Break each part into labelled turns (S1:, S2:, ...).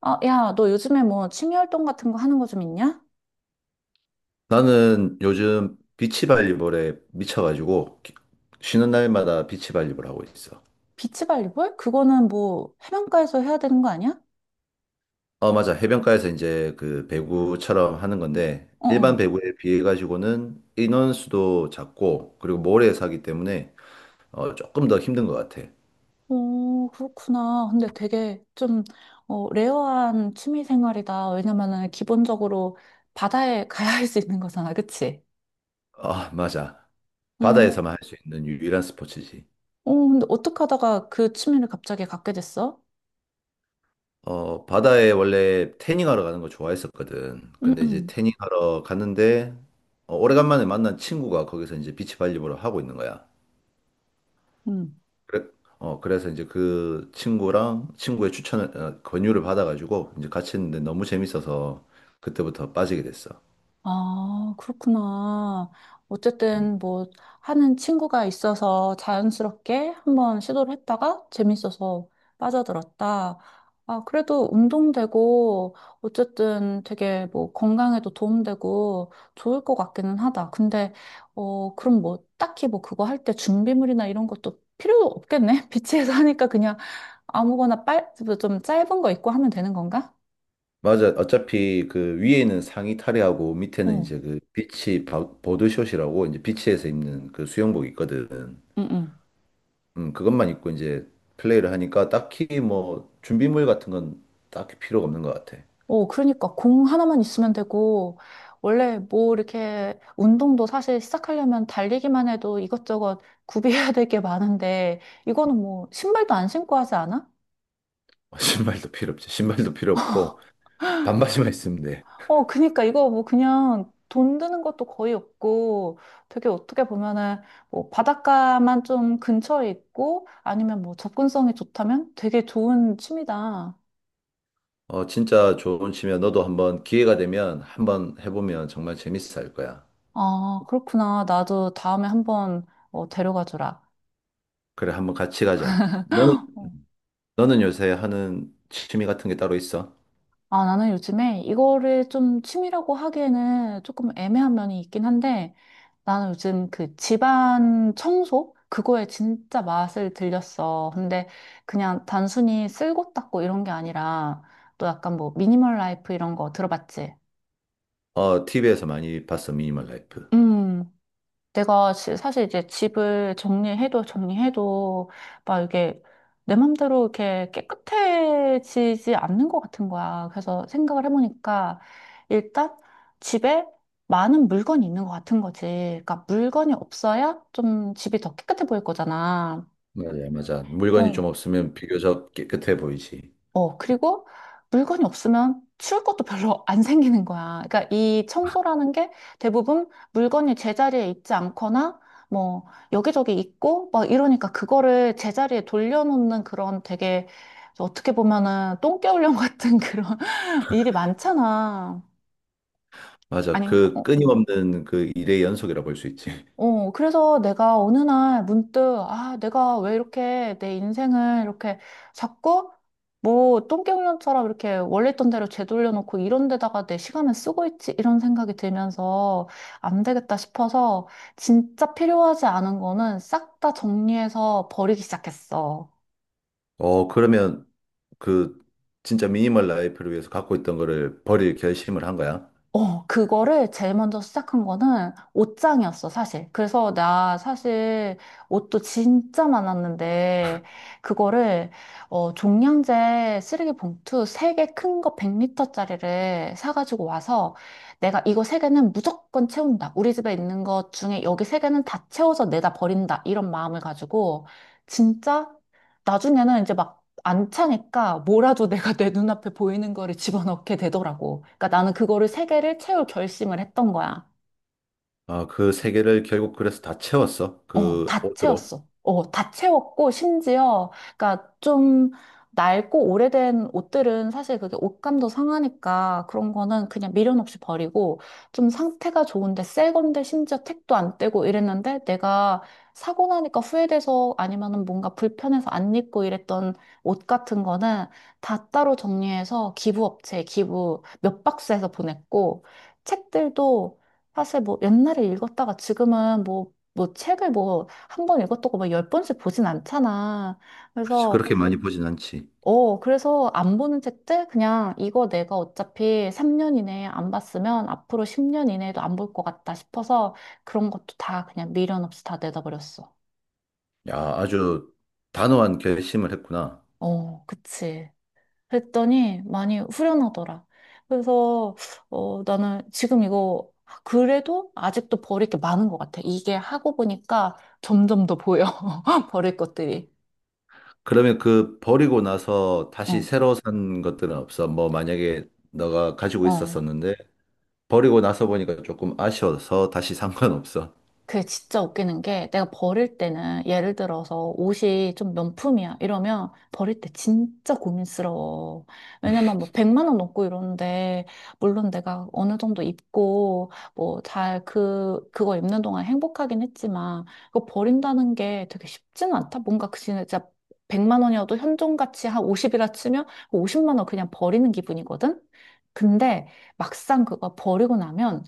S1: 아, 야, 너 요즘에 뭐 취미 활동 같은 거 하는 거 좀 있냐?
S2: 나는 요즘 비치발리볼에 미쳐가지고 쉬는 날마다 비치발리볼 하고 있어.
S1: 비치발리볼? 그거는 뭐 해변가에서 해야 되는 거 아니야?
S2: 어, 맞아. 해변가에서 이제 그 배구처럼 하는 건데
S1: 어,
S2: 일반
S1: 어.
S2: 배구에 비해 가지고는 인원수도 작고 그리고 모래에 사기 때문에 조금 더 힘든 것 같아.
S1: 오, 그렇구나. 근데 되게 좀, 레어한 취미 생활이다. 왜냐면은 기본적으로 바다에 가야 할 수 있는 거잖아. 그치?
S2: 아, 맞아.
S1: 응.
S2: 바다에서만 할 수 있는 유일한 스포츠지.
S1: 어, 근데 어떻게 하다가 그 취미를 갑자기 갖게 됐어?
S2: 어, 바다에 원래 태닝하러 가는 거 좋아했었거든. 근데 이제
S1: 응,
S2: 태닝하러 갔는데 오래간만에 만난 친구가 거기서 이제 비치발리볼을 하고 있는 거야.
S1: 응.
S2: 그래, 그래서 이제 그 친구랑 친구의 추천을, 권유를 받아가지고 이제 같이 했는데 너무 재밌어서 그때부터 빠지게 됐어.
S1: 아, 그렇구나. 어쨌든 뭐 하는 친구가 있어서 자연스럽게 한번 시도를 했다가 재밌어서 빠져들었다. 아, 그래도 운동되고 어쨌든 되게 뭐 건강에도 도움되고 좋을 것 같기는 하다. 근데 그럼 뭐 딱히 뭐 그거 할 때 준비물이나 이런 것도 필요 없겠네? 비치에서 하니까 그냥 아무거나 빨, 좀 짧은 거 입고 하면 되는 건가?
S2: 맞아. 어차피 그 위에 있는 상의 탈의하고 밑에는
S1: 어,
S2: 이제 그 보드숏이라고 이제 비치에서 입는 그 수영복 있거든.
S1: 응, 응.
S2: 그것만 입고 이제 플레이를 하니까 딱히 뭐 준비물 같은 건 딱히 필요가 없는 것 같아.
S1: 어, 그러니까 공 하나만 있으면 되고, 원래 뭐 이렇게 운동도 사실 시작하려면 달리기만 해도 이것저것 구비해야 될 게 많은데, 이거는 뭐 신발도 안 신고 하지 않아?
S2: 신발도 필요 없지. 신발도 필요 없고 반바지만 있으면 돼.
S1: 어, 그니까 이거 뭐 그냥 돈 드는 것도 거의 없고, 되게 어떻게 보면은 뭐 바닷가만 좀 근처에 있고, 아니면 뭐 접근성이 좋다면 되게 좋은 취미다.
S2: 어, 진짜 좋은 취미야. 너도 한번 기회가 되면 한번 해보면 정말 재밌어 할 거야.
S1: 아, 그렇구나. 나도 다음에 한번 데려가 주라.
S2: 그래, 한번 같이 가자. 너는 요새 하는 취미 같은 게 따로 있어?
S1: 아, 나는 요즘에 이거를 좀 취미라고 하기에는 조금 애매한 면이 있긴 한데, 나는 요즘 그 집안 청소? 그거에 진짜 맛을 들렸어. 근데 그냥 단순히 쓸고 닦고 이런 게 아니라, 또 약간 뭐 미니멀 라이프 이런 거 들어봤지?
S2: 어, TV에서 많이 봤어, 미니멀 라이프.
S1: 음. 내가 사실 이제 집을 정리해도 정리해도 막 이게 내 맘대로 이렇게 깨끗해지지 않는 것 같은 거야. 그래서 생각을 해보니까 일단 집에 많은 물건이 있는 것 같은 거지. 그러니까 물건이 없어야 좀 집이 더 깨끗해 보일 거잖아.
S2: 맞아, 맞아. 물건이
S1: 어.
S2: 좀 없으면 비교적 깨끗해 보이지.
S1: 어, 그리고 물건이 없으면 치울 것도 별로 안 생기는 거야. 그러니까 이 청소라는 게 대부분 물건이 제자리에 있지 않거나 뭐 여기저기 있고 막 이러니까 그거를 제자리에 돌려놓는 그런 되게 어떻게 보면은 똥개훈련 같은 그런 일이 많잖아.
S2: 맞아.
S1: 아닌가?
S2: 그
S1: 어,
S2: 끊임없는 그 일의 연속이라 볼 수 있지.
S1: 어, 그래서 내가 어느 날 문득, 아, 내가 왜 이렇게 내 인생을 이렇게 자꾸 뭐 똥개훈련처럼 이렇게 원래 있던 대로 되돌려놓고 이런 데다가 내 시간을 쓰고 있지? 이런 생각이 들면서 안 되겠다 싶어서 진짜 필요하지 않은 거는 싹 다 정리해서 버리기 시작했어.
S2: 어, 그러면 그 진짜 미니멀 라이프를 위해서 갖고 있던 거를 버릴 결심을 한 거야?
S1: 어, 그거를 제일 먼저 시작한 거는 옷장이었어, 사실. 그래서 나 사실 옷도 진짜 많았는데, 그거를, 종량제 쓰레기 봉투 3개 큰 거 100리터짜리를 사가지고 와서, 내가 이거 3개는 무조건 채운다. 우리 집에 있는 것 중에 여기 3개는 다 채워서 내다 버린다. 이런 마음을 가지고, 진짜, 나중에는 이제 막 안 차니까 뭐라도 내가 내 눈앞에 보이는 거를 집어넣게 되더라고. 그러니까 나는 그거를 세 개를 채울 결심을 했던 거야.
S2: 아, 그 세 개를 결국 그래서 다 채웠어?
S1: 어,
S2: 그
S1: 다
S2: 옷으로.
S1: 채웠어. 어, 다 채웠고, 심지어, 그니까 좀 낡고 오래된 옷들은 사실 그게 옷감도 상하니까 그런 거는 그냥 미련 없이 버리고, 좀 상태가 좋은데 새 건데 심지어 택도 안 떼고 이랬는데 내가 사고 나니까 후회돼서 아니면은 뭔가 불편해서 안 입고 이랬던 옷 같은 거는 다 따로 정리해서 기부업체에 기부 몇 박스에서 보냈고, 책들도 사실 뭐 옛날에 읽었다가 지금은 뭐 책을 뭐 한 번 읽었다고 막열 번씩 보진 않잖아.
S2: 그렇지,
S1: 그래서
S2: 그렇게 많이 보진 않지.
S1: 그래서 안 보는 책들 그냥 이거 내가 어차피 3년 이내에 안 봤으면 앞으로 10년 이내에도 안 볼 것 같다 싶어서 그런 것도 다 그냥 미련 없이 다 내다버렸어.
S2: 야, 아주 단호한 결심을 했구나.
S1: 어 그치. 그랬더니 많이 후련하더라. 그래서 나는 지금 이거 그래도 아직도 버릴 게 많은 것 같아. 이게 하고 보니까 점점 더 보여. 버릴 것들이.
S2: 그러면 그 버리고 나서 다시
S1: 어
S2: 새로 산 것들은 없어? 뭐 만약에 너가 가지고
S1: 어.
S2: 있었었는데 버리고 나서 보니까 조금 아쉬워서 다시 산 건 없어?
S1: 그게 진짜 웃기는 게 내가 버릴 때는 예를 들어서 옷이 좀 명품이야 이러면 버릴 때 진짜 고민스러워. 왜냐면 뭐 100만 원 넘고 이러는데 물론 내가 어느 정도 입고 뭐 잘 그거 입는 동안 행복하긴 했지만 그거 버린다는 게 되게 쉽지는 않다. 뭔가 그 진짜 100만 원이어도 현존가치 한 50이라 치면 50만 원 그냥 버리는 기분이거든. 근데 막상 그거 버리고 나면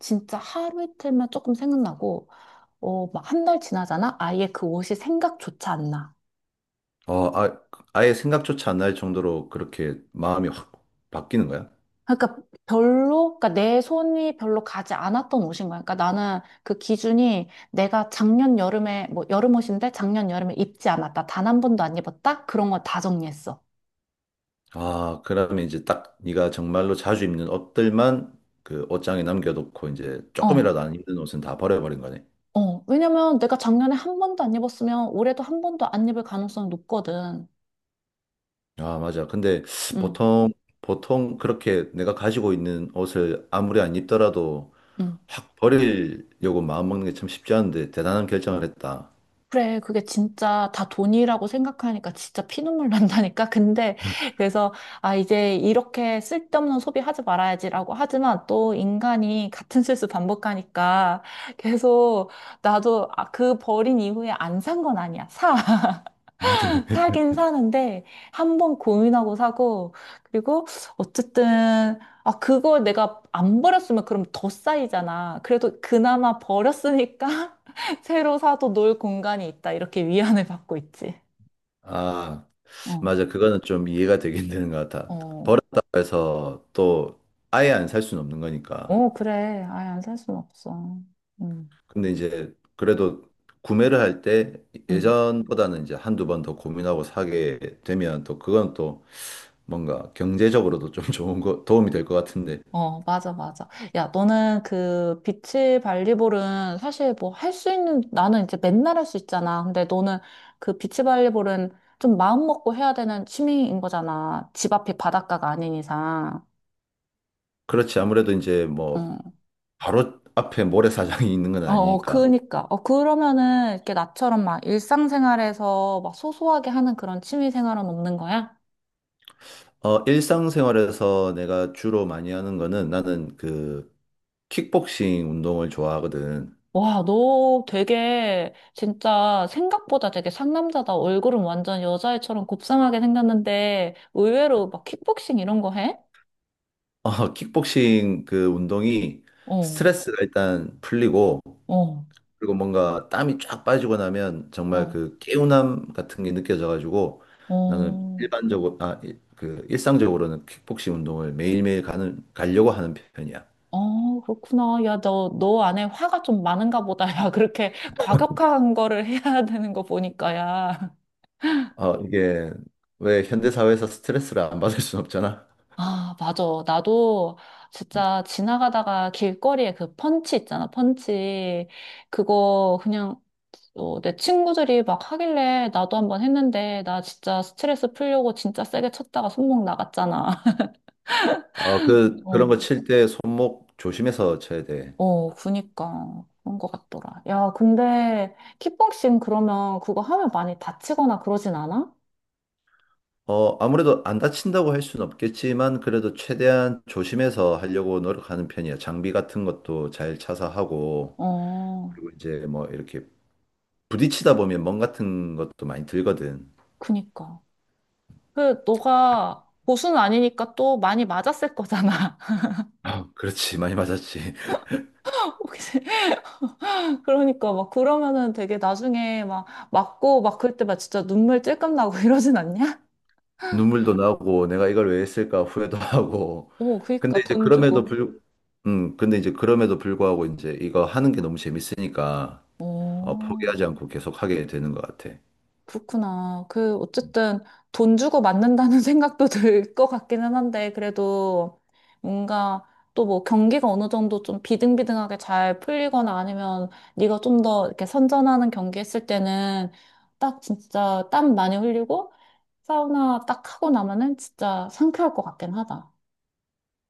S1: 진짜 하루 이틀만 조금 생각나고, 막 한 달 지나잖아? 아예 그 옷이 생각조차 안 나.
S2: 어, 아, 아예 생각조차 안 날 정도로 그렇게 마음이 확 바뀌는 거야?
S1: 그러니까 그러니까 내 손이 별로 가지 않았던 옷인 거야. 그러니까 나는 그 기준이 내가 작년 여름에, 뭐 여름 옷인데 작년 여름에 입지 않았다. 단 한 번도 안 입었다? 그런 거 다 정리했어.
S2: 아, 그러면 이제 딱 네가 정말로 자주 입는 옷들만 그 옷장에 남겨놓고 이제
S1: 어,
S2: 조금이라도 안 입는 옷은 다 버려버린 거네.
S1: 어. 왜냐면 내가 작년에 한 번도 안 입었으면 올해도 한 번도 안 입을 가능성이 높거든.
S2: 아, 맞아. 근데
S1: 응,
S2: 보통, 보통 그렇게 내가 가지고 있는 옷을 아무리 안 입더라도
S1: 응.
S2: 확 버리려고 마음먹는 게 참 쉽지 않은데 대단한 결정을 했다.
S1: 그래, 그게 진짜 다 돈이라고 생각하니까 진짜 피눈물 난다니까. 근데 그래서 아 이제 이렇게 쓸데없는 소비하지 말아야지라고 하지만 또 인간이 같은 실수 반복하니까 계속 나도 아, 그 버린 이후에 안 산 건 아니야. 사. 사긴 사는데 한번 고민하고 사고 그리고 어쨌든 아 그걸 내가 안 버렸으면 그럼 더 쌓이잖아. 그래도 그나마 버렸으니까 새로 사도 놀 공간이 있다. 이렇게 위안을 받고 있지.
S2: 아,
S1: 어,
S2: 맞아. 그거는 좀 이해가 되긴 되는 것 같아.
S1: 어,
S2: 버렸다고 해서 또 아예 안 살 수는 없는 거니까.
S1: 어, 그래. 아예 안살 수는 없어. 음,
S2: 근데 이제 그래도 구매를 할 때
S1: 음.
S2: 예전보다는 이제 한두 번 더 고민하고 사게 되면 또 그건 또 뭔가 경제적으로도 좀 좋은 거, 도움이 될 것 같은데.
S1: 어, 맞아, 맞아. 야, 너는 그 비치 발리볼은 사실 뭐 할 수 있는, 나는 이제 맨날 할 수 있잖아. 근데 너는 그 비치 발리볼은 좀 마음 먹고 해야 되는 취미인 거잖아. 집 앞이 바닷가가 아닌 이상.
S2: 그렇지. 아무래도 이제 뭐
S1: 응.
S2: 바로 앞에 모래사장이 있는 건
S1: 어, 어,
S2: 아니니까.
S1: 그니까. 어, 그러면은 이렇게 나처럼 막 일상생활에서 막 소소하게 하는 그런 취미 생활은 없는 거야?
S2: 어, 일상생활에서 내가 주로 많이 하는 거는 나는 그 킥복싱 운동을 좋아하거든.
S1: 와, 너 되게 진짜 생각보다 되게 상남자다. 얼굴은 완전 여자애처럼 곱상하게 생겼는데 의외로 막 킥복싱 이런 거 해?
S2: 어, 킥복싱 그 운동이
S1: 어,
S2: 스트레스가 일단 풀리고
S1: 어,
S2: 그리고 뭔가 땀이 쫙 빠지고 나면 정말
S1: 어,
S2: 그 개운함 같은 게 느껴져가지고 나는
S1: 어.
S2: 일반적으로 아, 그 일상적으로는 킥복싱 운동을 매일매일 가는 가려고 하는 편이야.
S1: 어, 그렇구나. 야, 너 안에 화가 좀 많은가 보다. 야, 그렇게 과격한 거를 해야 되는 거 보니까, 야.
S2: 어, 이게 왜 현대사회에서 스트레스를 안 받을 순 없잖아.
S1: 아, 맞아. 나도 진짜 지나가다가 길거리에 그 펀치 있잖아, 펀치. 그거 그냥 내 친구들이 막 하길래 나도 한번 했는데 나 진짜 스트레스 풀려고 진짜 세게 쳤다가 손목 나갔잖아.
S2: 아, 그런 거
S1: 어.
S2: 칠 때 손목 조심해서 쳐야 돼.
S1: 어, 그니까. 그런 것 같더라. 야, 근데 킥복싱 그러면 그거 하면 많이 다치거나 그러진 않아?
S2: 어, 아무래도 안 다친다고 할 수는 없겠지만, 그래도 최대한 조심해서 하려고 노력하는 편이야. 장비 같은 것도 잘 차서 하고,
S1: 어,
S2: 그리고 이제 뭐 이렇게 부딪히다 보면 멍 같은 것도 많이 들거든.
S1: 그니까. 너가 고수는 아니니까 또 많이 맞았을 거잖아.
S2: 아, 그렇지. 많이 맞았지.
S1: 혹시. 그러니까 막 그러면은 되게 나중에 막 맞고 막 그럴 때 막 진짜 눈물 찔끔 나고 이러진 않냐?
S2: 눈물도 나고, 내가 이걸 왜 했을까 후회도 하고.
S1: 어,
S2: 근데
S1: 그러니까
S2: 이제
S1: 돈 주고.
S2: 그럼에도 불구하고 이제 이거 하는 게 너무 재밌으니까, 어,
S1: 어,
S2: 포기하지 않고 계속 하게 되는 것 같아.
S1: 그렇구나. 그 어쨌든 돈 주고 맞는다는 생각도 들 것 같기는 한데 그래도 뭔가 또 뭐 경기가 어느 정도 좀 비등비등하게 잘 풀리거나 아니면 네가 좀 더 이렇게 선전하는 경기 했을 때는 딱 진짜 땀 많이 흘리고 사우나 딱 하고 나면은 진짜 상쾌할 것 같긴 하다.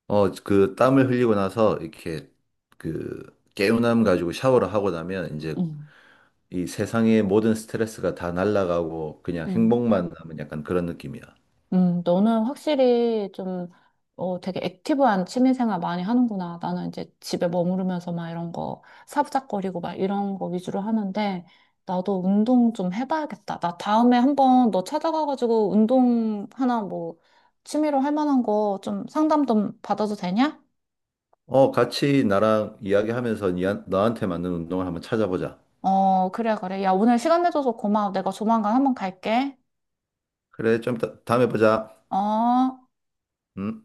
S2: 어, 그 땀을 흘리고 나서 이렇게 그 개운함 가지고 샤워를 하고 나면 이제
S1: 응.
S2: 이 세상의 모든 스트레스가 다 날아가고 그냥
S1: 음,
S2: 행복만 남은 약간 그런 느낌이야.
S1: 너는 확실히 좀, 되게 액티브한 취미생활 많이 하는구나. 나는 이제 집에 머무르면서 막 이런 거, 사부작거리고 막 이런 거 위주로 하는데, 나도 운동 좀 해봐야겠다. 나 다음에 한번 너 찾아가가지고 운동 하나 뭐, 취미로 할 만한 거 좀 상담 좀 받아도 되냐?
S2: 어, 같이 나랑 이야기하면서 너한테 맞는 운동을 한번 찾아보자.
S1: 어, 그래, 그래. 야, 오늘 시간 내줘서 고마워. 내가 조만간 한번 갈게.
S2: 그래, 좀 이따 다음에 보자.
S1: 어.
S2: 음.